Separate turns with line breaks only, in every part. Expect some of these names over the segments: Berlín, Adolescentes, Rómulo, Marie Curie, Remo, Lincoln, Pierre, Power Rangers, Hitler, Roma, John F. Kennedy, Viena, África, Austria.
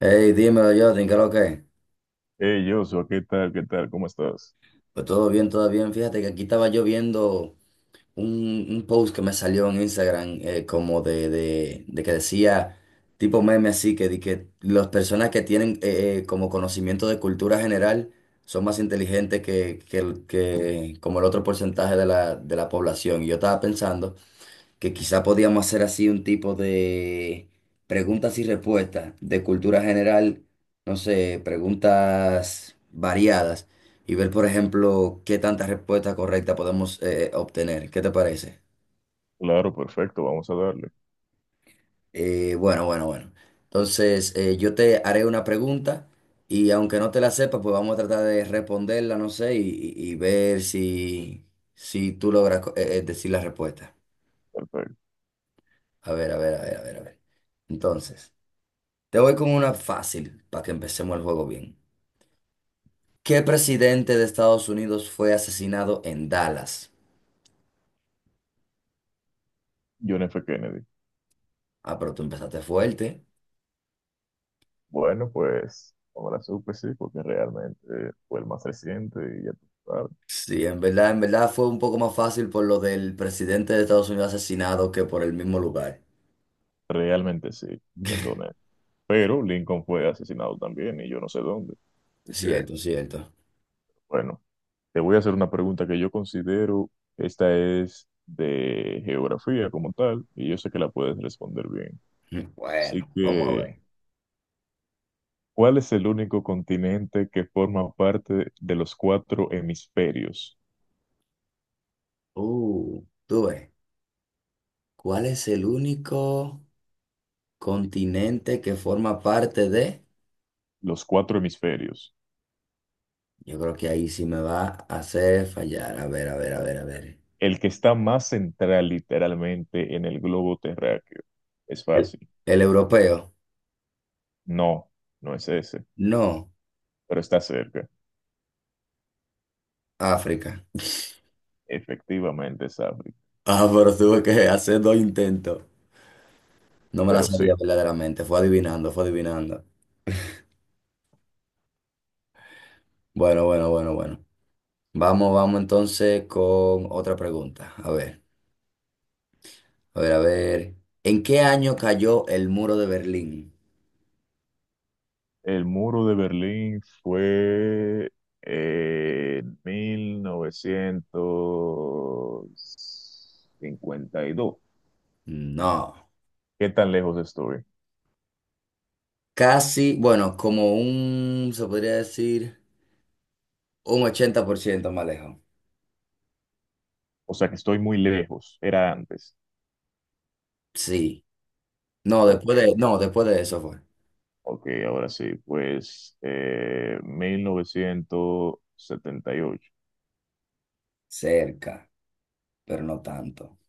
Hey, dímelo, Justin, ¿qué es lo que?
Hey, Joshua, ¿qué tal? ¿Qué tal? ¿Cómo estás?
Pues todo bien, todo bien. Fíjate que aquí estaba yo viendo un post que me salió en Instagram como de que decía, tipo meme así, que, di que las personas que tienen como conocimiento de cultura general son más inteligentes que como el otro porcentaje de la población. Y yo estaba pensando que quizá podíamos hacer así un tipo de preguntas y respuestas de cultura general, no sé, preguntas variadas y ver, por ejemplo, qué tantas respuestas correctas podemos obtener. ¿Qué te parece?
Claro, perfecto, vamos a darle.
Bueno, bueno, bueno. Entonces, yo te haré una pregunta y aunque no te la sepa, pues vamos a tratar de responderla, no sé, y, y ver si, si tú logras decir la respuesta.
Perfecto.
A ver, a ver, a ver, a ver, a ver. Entonces. Te voy con una fácil para que empecemos el juego bien. ¿Qué presidente de Estados Unidos fue asesinado en Dallas?
John F. Kennedy.
Ah, pero tú empezaste fuerte.
Bueno, pues, ahora la supe, sí, porque realmente fue el más reciente y ya tú sabes.
Sí, en verdad fue un poco más fácil por lo del presidente de Estados Unidos asesinado que por el mismo lugar.
Realmente sí, siendo honesto. Pero Lincoln fue asesinado también y yo no sé dónde. Así que,
Cierto, cierto.
bueno, te voy a hacer una pregunta que yo considero, esta es de geografía como tal, y yo sé que la puedes responder bien. Así
Bueno, vamos a
que,
ver.
¿cuál es el único continente que forma parte de los cuatro hemisferios?
Tú ves. ¿Cuál es el único continente que forma parte de?
Los cuatro hemisferios.
Yo creo que ahí sí me va a hacer fallar. A ver, a ver, a ver, a ver.
El que está más central literalmente en el globo terráqueo. Es
El,
fácil.
el europeo.
No, no es ese,
No,
pero está cerca.
África.
Efectivamente es África.
Ah, pero tuve que hacer dos intentos. No me la
Pero sí,
sabía verdaderamente. Fue adivinando, fue adivinando. Bueno, bueno, bueno, bueno. Vamos, vamos entonces con otra pregunta. A ver, a ver, a ver. ¿En qué año cayó el muro de Berlín?
el muro de Berlín fue en 1952.
No.
¿Qué tan lejos estoy?
Casi, bueno, como un, se podría decir, un 80% más lejos.
O sea que estoy muy lejos, era antes.
Sí. No,
Ok,
después de, no, después de eso fue.
ok, ahora sí, pues 1978.
Cerca, pero no tanto.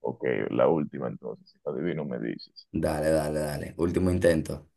Ok, la última entonces, si no adivino me dices.
Dale, dale, dale. Último intento.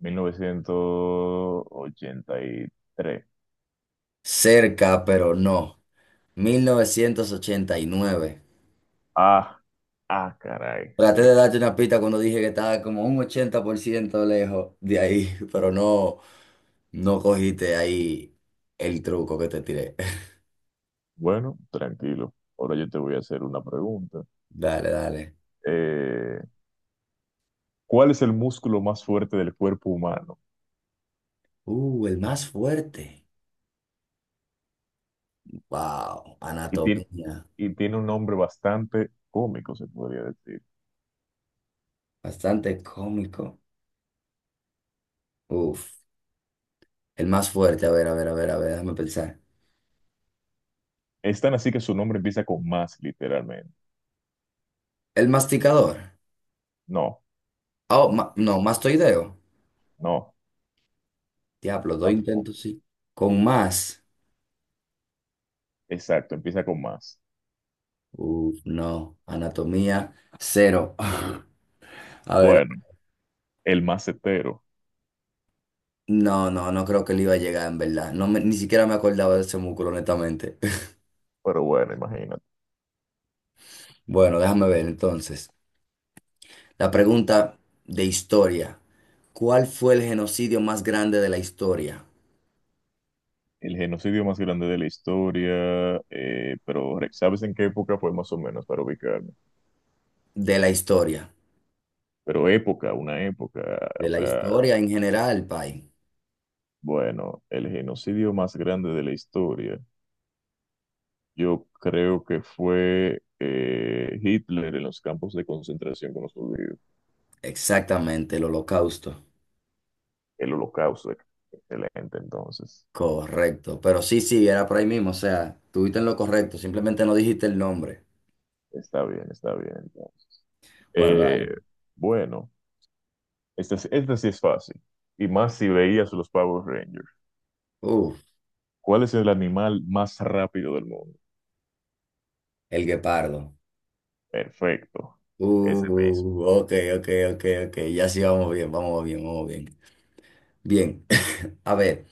1983.
Cerca, pero no. 1989.
Ah, ah, caray, sí.
Traté de darte una pista cuando dije que estaba como un 80% lejos de ahí, pero no, no cogiste ahí el truco que te tiré.
Bueno, tranquilo. Ahora yo te voy a hacer una pregunta.
Dale, dale.
Eh, ¿Cuál es el músculo más fuerte del cuerpo humano?
El más fuerte. Wow,
Y tiene,
anatomía.
y tiene un nombre bastante cómico, se podría decir.
Bastante cómico. Uf, el más fuerte. A ver, a ver, a ver, a ver, déjame pensar.
Es tan así que su nombre empieza con más, literalmente.
El masticador.
No,
Oh, no,
pues,
mastoideo.
no,
Diablo, dos intentos,
tampoco.
sí. Con más.
Exacto, empieza con más.
Uf, no, anatomía cero. A ver,
Bueno, el macetero,
no, no, no creo que le iba a llegar en verdad. Ni siquiera me acordaba de ese músculo, honestamente.
pero bueno, imagínate.
Bueno, déjame ver entonces. La pregunta de historia. ¿Cuál fue el genocidio más grande de la historia?
El genocidio más grande de la historia, pero ¿sabes en qué época fue más o menos para ubicarme?
De la historia.
Pero época, una época,
De
o
la
sea,
historia en general, Pai.
bueno, el genocidio más grande de la historia, yo creo que fue Hitler en los campos de concentración con los judíos,
Exactamente, el holocausto.
el holocausto, excelente entonces.
Correcto. Pero sí, sí, era por ahí mismo. O sea, tuviste en lo correcto. Simplemente no dijiste el nombre.
Está bien, entonces.
Bueno, dale.
Eh, bueno, esta sí es fácil. Y más si veías los Power Rangers.
Uf,
¿Cuál es el animal más rápido del mundo?
el guepardo.
Perfecto. Ese mismo.
Ok, ok, ok, ok. Ya sí vamos bien, vamos bien, vamos bien. Bien. A ver,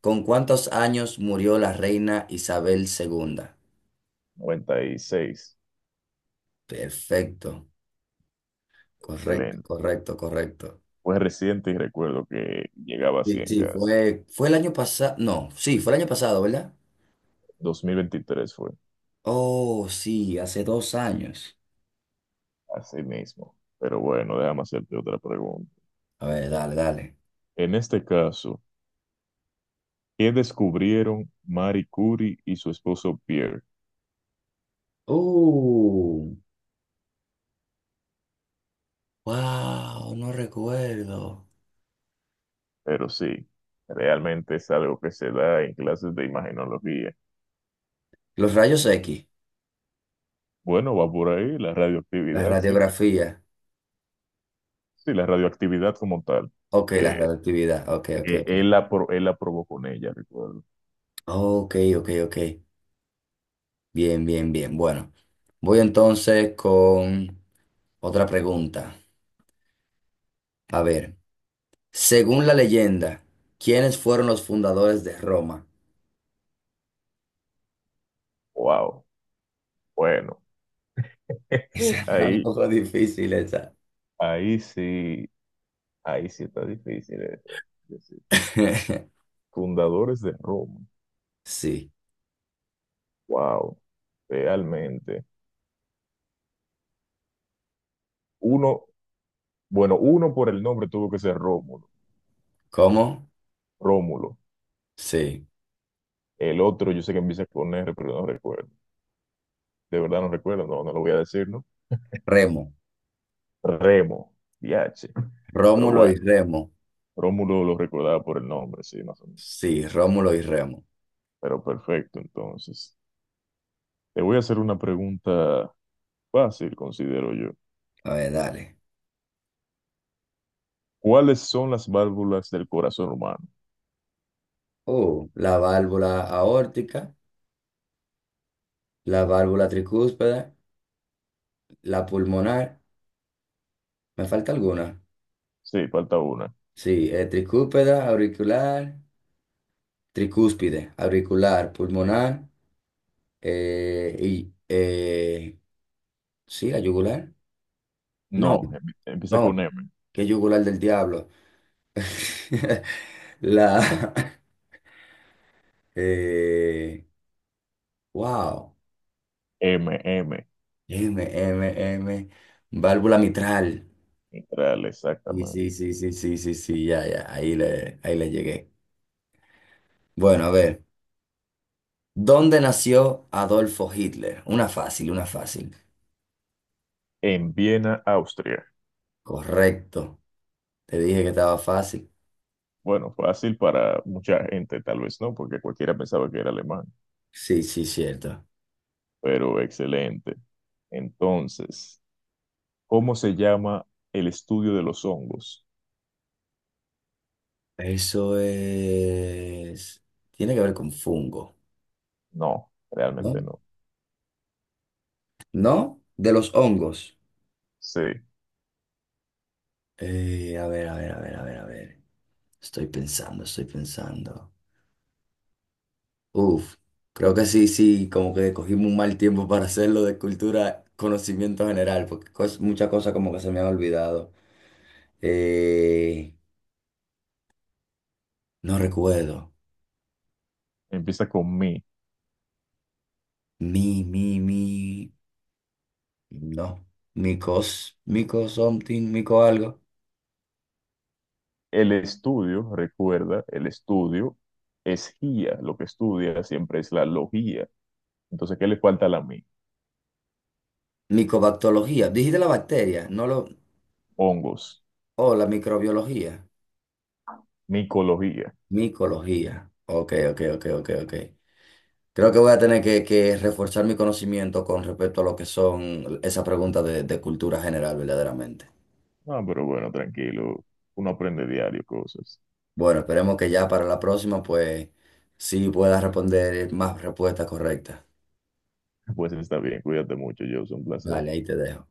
¿Con cuántos años murió la reina Isabel II?
96.
Perfecto. Correcto,
Excelente.
correcto, correcto.
Fue reciente y recuerdo que llegaba a
Sí,
100
sí,
casi.
fue el año pasado. No, sí, fue el año pasado, ¿verdad?
2023 fue.
Oh, sí, hace 2 años.
Así mismo. Pero bueno, déjame hacerte otra pregunta.
A ver, dale, dale.
En este caso, ¿qué descubrieron Marie Curie y su esposo Pierre?
Uh, wow, no recuerdo.
Pero sí, realmente es algo que se da en clases de imagenología.
Los rayos X,
Bueno, va por ahí la
la
radioactividad, sí.
radiografía.
Sí, la radioactividad como tal.
Ok, la
Eh,
radioactividad. Ok, ok, ok.
él la probó con ella, recuerdo.
Ok, ok, ok. Bien, bien, bien. Bueno, voy entonces con otra pregunta. A ver, según la leyenda, ¿quiénes fueron los fundadores de Roma?
Wow. Bueno,
Esa está un
ahí,
poco difícil esa.
ahí sí, ahí sí está difícil eso. Es decir, fundadores de Roma.
Sí.
Wow. Realmente. Uno, bueno, uno por el nombre tuvo que ser Rómulo.
¿Cómo?
Rómulo.
Sí.
El otro, yo sé que empieza con R, pero no recuerdo. De verdad no recuerdo, no, no lo voy a decir, ¿no?
Remo.
Remo, DH. Pero
Rómulo y
bueno,
Remo.
Rómulo lo recordaba por el nombre, sí, más o menos.
Sí, Rómulo y Remo.
Pero perfecto, entonces. Te voy a hacer una pregunta fácil, considero yo.
A ver, dale.
¿Cuáles son las válvulas del corazón humano?
Oh, la válvula aórtica, la válvula tricúspide, la pulmonar. ¿Me falta alguna?
Sí, falta una.
Sí, tricúpeda, auricular, tricúspide, auricular, pulmonar, y sí, la yugular. No,
No, empieza con
no,
M.
qué yugular del diablo. La, eh, wow,
M, M.
M, M, M, válvula mitral.
Mitral,
Sí,
exactamente.
sí, sí, sí, sí, sí, sí, ya, ya, ahí le llegué. Bueno, a ver, ¿dónde nació Adolfo Hitler? Una fácil, una fácil.
En Viena, Austria.
Correcto. Te dije que estaba fácil.
Bueno, fácil para mucha gente, tal vez no, porque cualquiera pensaba que era alemán,
Sí, sí, cierto.
pero excelente. Entonces, ¿cómo se llama el estudio de los hongos?
Eso es. Tiene que ver con fungo,
No,
¿no?
realmente no.
¿No? De los hongos.
Sí,
A ver, a ver, a ver, a ver, a ver. Estoy pensando, estoy pensando. Uf, creo que sí, sí, como que cogimos un mal tiempo para hacerlo de cultura, conocimiento general, porque muchas cosas como que se me han olvidado. Eh, no recuerdo.
empieza con mi.
Mi, mi, mi. No. Micos, mico something, mico algo.
El estudio, recuerda, el estudio es guía. Lo que estudia siempre es la logía. Entonces, ¿qué le falta a la mi?
Micobactología. Dijiste la bacteria, no lo.
Hongos,
Oh, la microbiología.
micología.
Micología. Ok, ok, ok, ok, ok. Creo que voy a tener que reforzar mi conocimiento con respecto a lo que son esas preguntas de cultura general, verdaderamente.
Ah, pero bueno, tranquilo. Uno aprende diario cosas.
Bueno, esperemos que ya para la próxima, pues, sí puedas responder más respuestas correctas.
Pues está bien, cuídate mucho, yo, un placer.
Dale, ahí te dejo.